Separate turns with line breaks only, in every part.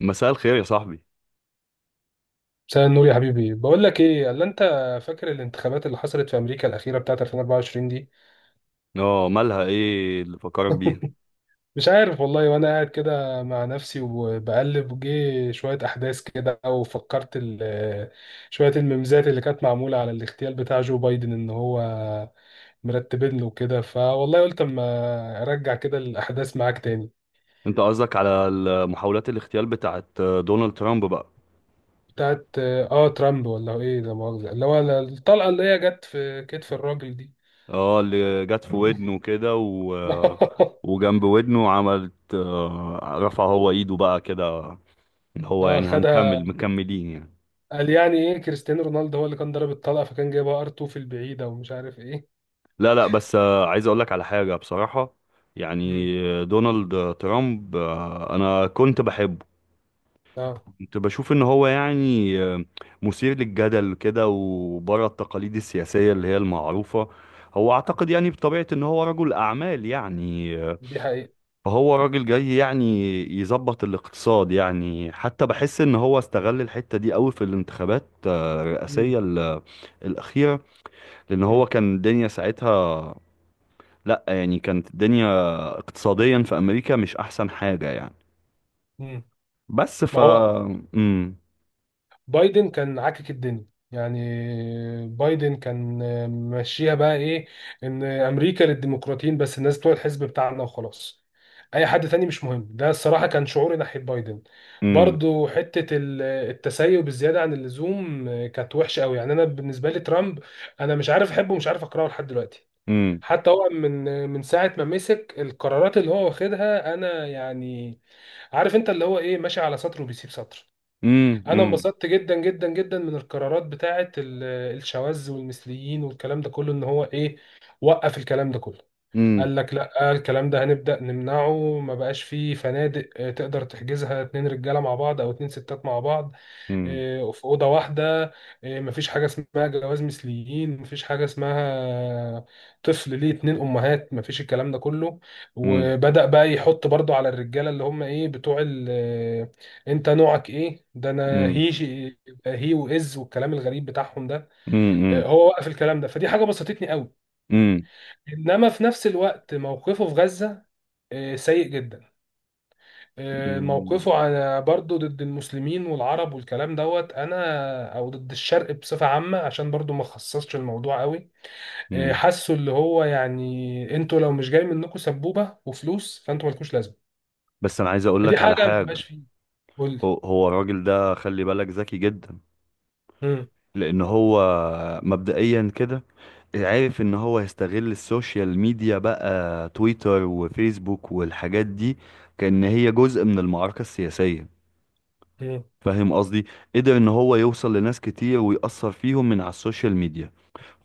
مساء الخير يا صاحبي.
مساء النور يا حبيبي. بقول لك ايه اللي انت فاكر الانتخابات اللي حصلت في امريكا الاخيره بتاعت 2024 دي.
اه، مالها؟ ايه اللي فكرك بيها؟
مش عارف والله. وانا قاعد كده مع نفسي وبقلب جه شويه احداث كده، وفكرت شويه الميمزات اللي كانت معموله على الاغتيال بتاع جو بايدن ان هو مرتبين له كده، فوالله قلت اما ارجع كده الاحداث معاك تاني.
انت قصدك على محاولات الاغتيال بتاعت دونالد ترامب بقى؟
بتاعت اه ترامب ولا ايه؟ ده مؤاخذه، اللي هو الطلقه اللي هي جت في كتف الراجل دي.
اه، اللي جت في ودنه كده وجنب ودنه عملت، رفع هو ايده بقى كده. اللي هو
اه
يعني
خد،
هنكمل مكملين يعني.
قال يعني ايه كريستيانو رونالدو هو اللي كان ضرب الطلقه، فكان جايبها ار 2 في البعيده ومش عارف ايه.
لا لا، بس عايز اقولك على حاجة بصراحة. يعني.
مم.
دونالد ترامب، انا كنت بحبه.
اه
كنت بشوف ان هو يعني مثير للجدل كده، وبره التقاليد السياسية اللي هي المعروفة. هو اعتقد يعني بطبيعة ان هو رجل اعمال، يعني
دي حقيقه.
فهو راجل جاي يعني يظبط الاقتصاد. يعني حتى بحس ان هو استغل الحتة دي قوي في الانتخابات
مم.
الرئاسية الأخيرة. لان هو
مم.
كان الدنيا ساعتها. لا يعني كانت الدنيا اقتصاديا في امريكا مش احسن حاجة يعني.
مم.
بس ف
ما هو
امم
بايدن كان عاكك الدنيا، يعني بايدن كان ماشيها بقى ايه، ان امريكا للديمقراطيين بس، الناس بتوع الحزب بتاعنا وخلاص، اي حد تاني مش مهم. ده الصراحه كان شعوري ناحيه بايدن. برضو حته التسيب الزياده عن اللزوم كانت وحشه قوي. يعني انا بالنسبه لي ترامب، انا مش عارف احبه ومش عارف اكرهه لحد دلوقتي.
امم
حتى هو من ساعة ما مسك القرارات اللي هو واخدها، أنا يعني عارف أنت اللي هو إيه، ماشي على سطر وبيسيب سطر. أنا
امم
انبسطت جدا جدا جدا من القرارات بتاعة الشواذ والمثليين والكلام ده كله، إن هو إيه وقف الكلام ده كله.
امم
قال لك لا، الكلام ده هنبدأ نمنعه، ما بقاش فيه فنادق تقدر تحجزها اتنين رجالة مع بعض او اتنين ستات مع بعض
امم
في أوضة واحدة. مفيش حاجة اسمها جواز مثليين، مفيش حاجة اسمها طفل ليه اتنين أمهات، مفيش الكلام ده كله.
امم
وبدأ بقى يحط برضو على الرجالة اللي هم ايه بتوع ال انت نوعك ايه ده، انا
امم
هي وإز والكلام الغريب بتاعهم ده.
امم
هو وقف الكلام ده، فدي حاجة بسطتني قوي.
امم
انما في نفس الوقت موقفه في غزة سيء جدا.
امم
موقفه على برضه ضد المسلمين والعرب والكلام دوت انا او ضد الشرق بصفه عامه، عشان برضه ما خصصش الموضوع قوي.
امم
حاسه اللي هو يعني انتوا لو مش جاي منكم سبوبه وفلوس، فانتوا مالكوش لازمه.
بس انا عايز اقول
فدي
لك
حاجه
على
ما
حاجه.
بتبقاش فيه. قول لي.
هو الراجل ده، خلي بالك ذكي جدا.
مم.
لان هو مبدئيا كده عارف ان هو هيستغل السوشيال ميديا بقى، تويتر وفيسبوك والحاجات دي، كأن هي جزء من المعركه السياسيه.
مم.
فاهم قصدي؟ قدر ان هو يوصل لناس كتير ويأثر فيهم من على السوشيال ميديا.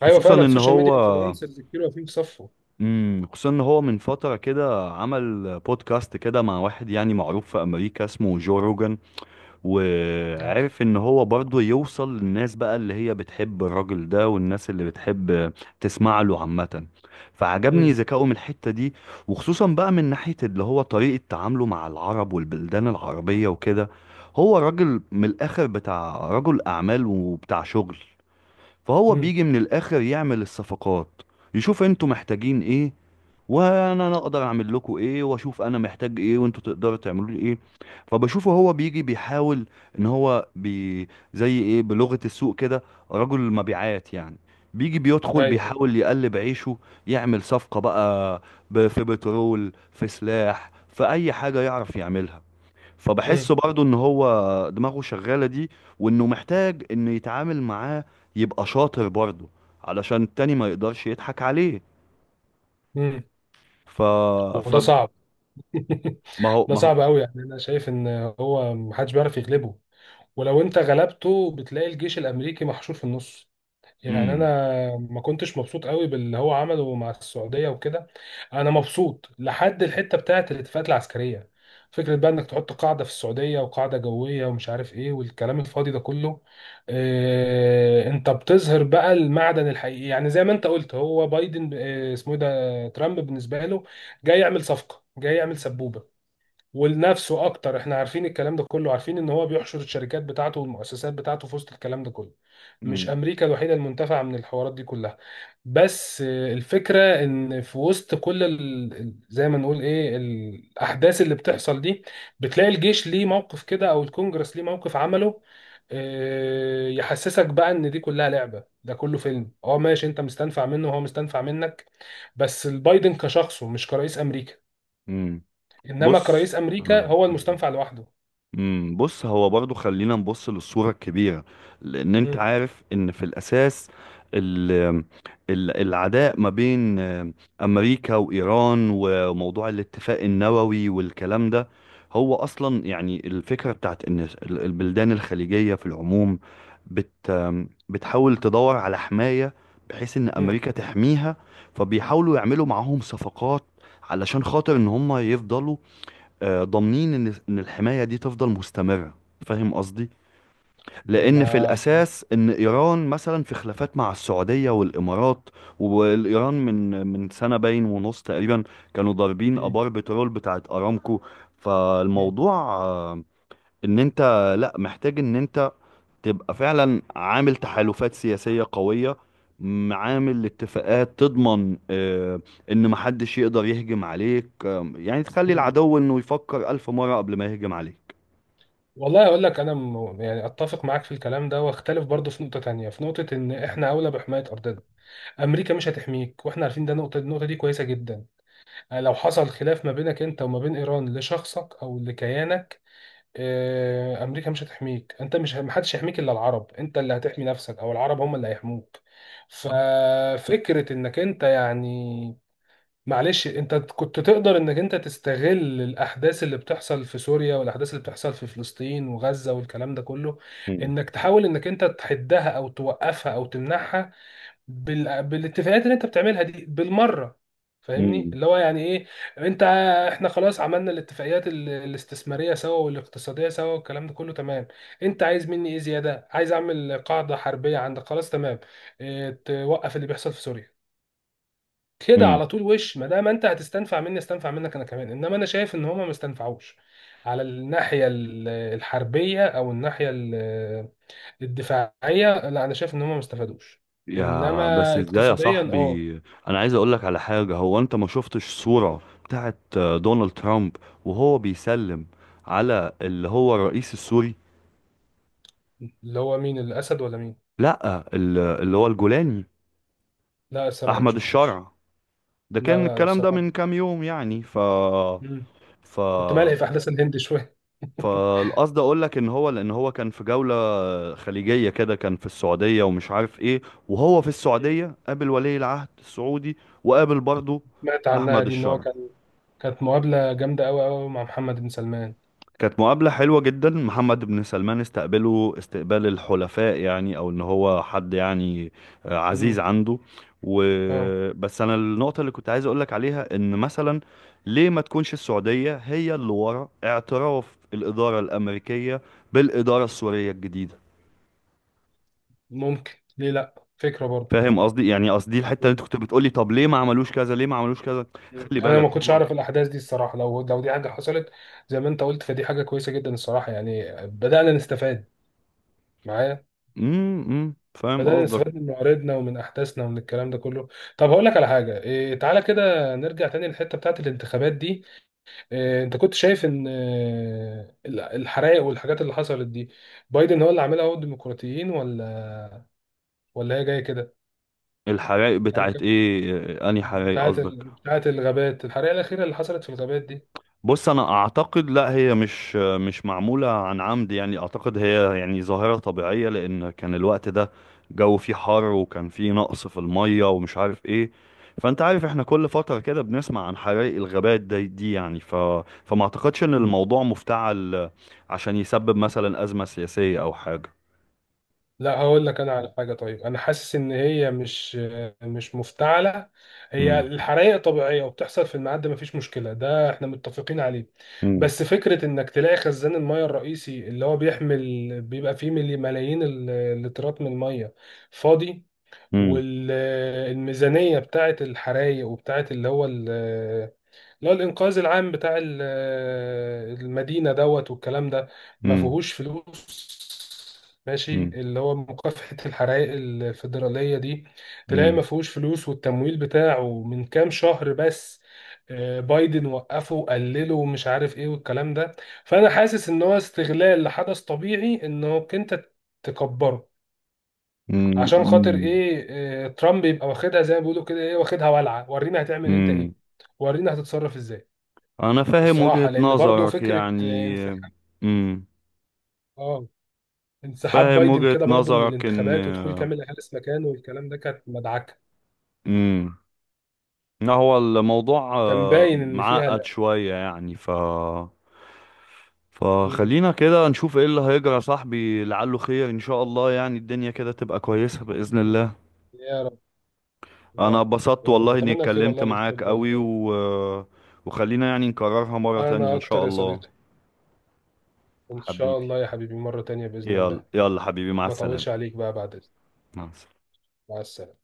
ايوه
خصوصا
فعلا،
ان
السوشيال ميديا
هو
انفلونسرز كتير واقفين في صفه.
خصوصا ان هو من فتره كده عمل بودكاست كده مع واحد يعني معروف في امريكا اسمه جو روجان.
عارف.
وعرف ان هو برضه يوصل للناس بقى، اللي هي بتحب الراجل ده والناس اللي بتحب تسمع له عامه. فعجبني
مم.
ذكائه من الحته دي، وخصوصا بقى من ناحيه اللي هو طريقه تعامله مع العرب والبلدان العربيه وكده. هو راجل من الاخر، بتاع رجل اعمال وبتاع شغل، فهو
مم.
بيجي من الاخر يعمل الصفقات. يشوف انتوا محتاجين ايه، وانا أنا اقدر اعمل لكم ايه، واشوف انا محتاج ايه وانتوا تقدروا تعملوا لي ايه. فبشوفه هو بيجي بيحاول ان هو زي ايه، بلغة السوق كده، رجل المبيعات يعني. بيجي بيدخل
ايوه.
بيحاول يقلب عيشه، يعمل صفقة بقى، في بترول، في سلاح، في اي حاجة يعرف يعملها.
مم.
فبحسه برضه ان هو دماغه شغالة دي، وانه محتاج انه يتعامل معاه، يبقى شاطر برضه علشان التاني ما يقدرش يضحك عليه.
مم.
ف ف
وده صعب.
ما هو
ده
ما هو
صعب قوي. يعني انا شايف ان هو محدش بيعرف يغلبه، ولو انت غلبته بتلاقي الجيش الامريكي محشور في النص. يعني انا
امم
ما كنتش مبسوط قوي باللي هو عمله مع السعوديه وكده. انا مبسوط لحد الحته بتاعه الاتفاقات العسكريه، فكره بقى انك تحط قاعده في السعوديه وقاعده جويه ومش عارف ايه والكلام الفاضي ده كله. اه، انت بتظهر بقى المعدن الحقيقي. يعني زي ما انت قلت، هو بايدن اه اسمه ايه ده ترامب بالنسبه له جاي يعمل صفقه، جاي يعمل سبوبه ولنفسه اكتر. احنا عارفين الكلام ده كله، عارفين ان هو بيحشر الشركات بتاعته والمؤسسات بتاعته في وسط الكلام ده كله. مش
امم
امريكا الوحيده المنتفعه من الحوارات دي كلها. بس الفكره ان في وسط كل زي ما نقول ايه الاحداث اللي بتحصل دي، بتلاقي الجيش ليه موقف كده او الكونجرس ليه موقف عمله. يحسسك بقى ان دي كلها لعبه، ده كله فيلم. اه ماشي، انت مستنفع منه وهو مستنفع منك. بس البايدن كشخصه مش كرئيس امريكا.
أمم.
انما كرئيس
بص،
امريكا
آه،
هو
أمم.
المستنفع لوحده.
بص، هو برضو خلينا نبص للصورة الكبيرة، لأن أنت
مم.
عارف إن في الأساس ال ال العداء ما بين أمريكا وإيران، وموضوع الاتفاق النووي والكلام ده. هو أصلا يعني الفكرة بتاعت إن البلدان الخليجية في العموم بت آم، بتحاول تدور على حماية، بحيث إن
مم.
أمريكا تحميها. فبيحاولوا يعملوا معاهم صفقات، علشان خاطر إن هم يفضلوا ضامنين ان الحمايه دي تفضل مستمره. فاهم قصدي؟ لان في
ما
الاساس ان ايران مثلا في خلافات مع السعوديه والامارات، والايران من سنه باين ونص تقريبا كانوا ضاربين
مم.
ابار بترول بتاعت ارامكو.
مم.
فالموضوع ان انت، لا، محتاج ان انت تبقى فعلا عامل تحالفات سياسية قوية، عامل اتفاقات تضمن ان محدش يقدر يهجم عليك، يعني تخلي
مم.
العدو انه يفكر الف مرة قبل ما يهجم عليك.
والله اقول لك انا يعني اتفق معاك في الكلام ده واختلف برضه في نقطه تانية، في نقطه ان احنا اولى بحمايه ارضنا. امريكا مش هتحميك واحنا عارفين ده. نقطه، النقطه دي كويسه جدا. لو حصل خلاف ما بينك انت وما بين ايران لشخصك او لكيانك، امريكا مش هتحميك، انت مش محدش يحميك الا العرب، انت اللي هتحمي نفسك او العرب هم اللي هيحموك. ففكره انك انت يعني معلش، انت كنت تقدر انك انت تستغل الاحداث اللي بتحصل في سوريا والاحداث اللي بتحصل في فلسطين وغزة والكلام ده كله،
مم.
انك تحاول انك انت تحدها او توقفها او تمنعها بالاتفاقات اللي انت بتعملها دي بالمرة. فاهمني
مم.
اللي هو يعني ايه، انت، احنا خلاص عملنا الاتفاقيات الاستثمارية سوا والاقتصادية سوا والكلام ده كله تمام. انت عايز مني ايه زيادة؟ عايز اعمل قاعدة حربية عندك؟ خلاص تمام. اه... توقف اللي بيحصل في سوريا كده
مم.
على طول. وش ما دام انت هتستنفع مني، استنفع منك انا كمان. انما انا شايف ان هما ما استنفعوش على الناحيه الحربيه او الناحيه الدفاعيه، لا انا شايف ان هما ما استفادوش.
يا بس
انما
ازاي يا
اقتصاديا اه.
صاحبي؟ انا عايز اقولك على حاجة. هو انت ما شفتش صورة بتاعت دونالد ترامب وهو بيسلم على اللي هو الرئيس السوري؟
اللي هو مين؟ الاسد ولا مين؟
لا، اللي هو الجولاني،
لا الصراحه ما
احمد
شفتوش.
الشرع. ده
لا
كان
لا لا
الكلام ده
الصراحه.
من كام يوم يعني، ف
مم.
ف
كنت ملهي في احداث الهند شويه.
فالقصد اقول لك ان هو، لان هو كان في جولة خليجية كده، كان في السعودية ومش عارف ايه. وهو في
مم.
السعودية قابل ولي العهد السعودي، وقابل برضه
سمعت عنها
احمد
دي ان هو
الشرع.
كان، كانت مقابله جامده قوي مع محمد بن سلمان.
كانت مقابلة حلوة جدا، محمد بن سلمان استقبله استقبال الحلفاء، يعني او ان هو حد يعني عزيز
مم.
عنده. و
اه.
بس انا النقطة اللي كنت عايز اقولك عليها، ان مثلا ليه ما تكونش السعودية هي اللي ورا اعتراف الإدارة الأمريكية بالإدارة السورية الجديدة؟
ممكن، ليه لا، فكره برضه.
فاهم قصدي؟ يعني قصدي الحتة اللي انت كنت بتقولي، طب ليه ما عملوش كذا؟ ليه ما عملوش كذا؟
مم.
خلي
انا
بالك
ما كنتش
هو.
اعرف الاحداث دي الصراحه. لو دي حاجه حصلت زي ما انت قلت، فدي حاجه كويسه جدا الصراحه. يعني بدانا نستفاد معايا،
فاهم
بدانا
قصدك.
نستفاد من معارضنا ومن احداثنا ومن الكلام ده كله. طب هقول لك على حاجه إيه، تعالى كده نرجع تاني للحته بتاعت الانتخابات دي. إيه انت كنت شايف ان الحرائق والحاجات اللي حصلت دي، بايدن هو اللي عاملها، هو الديمقراطيين، ولا ولا هي جايه كده؟
الحرائق
يعني
بتاعت
كانت
ايه؟ انهي حرائق
بتاعت
قصدك؟
بتاعت الغابات، الحرائق الاخيره اللي حصلت في الغابات
بص انا اعتقد لا، هي مش معموله عن عمد. يعني اعتقد هي يعني ظاهره طبيعيه، لان كان الوقت ده جو فيه حر، وكان فيه نقص في الميه ومش عارف ايه. فانت عارف احنا كل فتره كده بنسمع عن حرائق الغابات دي. يعني فما اعتقدش ان
دي.
الموضوع مفتعل عشان يسبب مثلا ازمه سياسيه او حاجه.
لا هقول لك انا على حاجه، طيب انا حاسس ان هي مش مفتعله، هي
مم.
الحرائق طبيعيه وبتحصل في الميعاد ده مفيش مشكله، ده احنا متفقين عليه.
مم.
بس فكره انك تلاقي خزان الميه الرئيسي اللي هو بيحمل، بيبقى فيه ملايين اللترات من الميه فاضي.
مم.
والميزانيه بتاعه الحرائق وبتاعه اللي هو، اللي هو الإنقاذ العام بتاع المدينة دوت والكلام ده، ما
مم.
فيهوش فلوس. ماشي،
مم.
اللي هو مكافحة الحرائق الفيدرالية دي تلاقي ما
مم.
فيهوش فلوس، والتمويل بتاعه من كام شهر بس بايدن وقفه وقلله ومش عارف ايه والكلام ده. فأنا حاسس إن هو استغلال لحدث طبيعي، إنك أنت تكبره عشان خاطر
مم.
ايه، ترامب يبقى واخدها زي ما بيقولوا كده ايه، واخدها ولعة، ورينا هتعمل انت
مم.
ايه، ورينا هتتصرف ازاي.
انا فاهم
الصراحة
وجهه
لأن برضو
نظرك
فكرة
يعني. مم.
اه انسحاب
فاهم
بايدن
وجهة
كده برضو من
نظرك. ان
الانتخابات ودخول كاملا هاريس مكانه والكلام ده كانت مدعكة،
امم إن هو الموضوع
كان باين إن فيها
معقد
لا.
شوية يعني،
مم.
فخلينا كده نشوف ايه اللي هيجرى يا صاحبي. لعله خير ان شاء الله. يعني الدنيا كده تبقى كويسة بإذن الله.
يا رب. يا
انا
رب.
اتبسطت
يا رب،
والله اني
أتمنى الخير
اتكلمت
والله للكل
معاك قوي
والله.
وخلينا يعني نكررها مرة تانية
أنا
ان شاء
أكتر يا
الله.
صديقي. إن شاء
حبيبي.
الله يا حبيبي مرة تانية بإذن
يلا
الله.
يلا حبيبي، مع
ما
السلامة.
طولش عليك بقى بعد إذنك.
مع السلامة.
مع السلامة.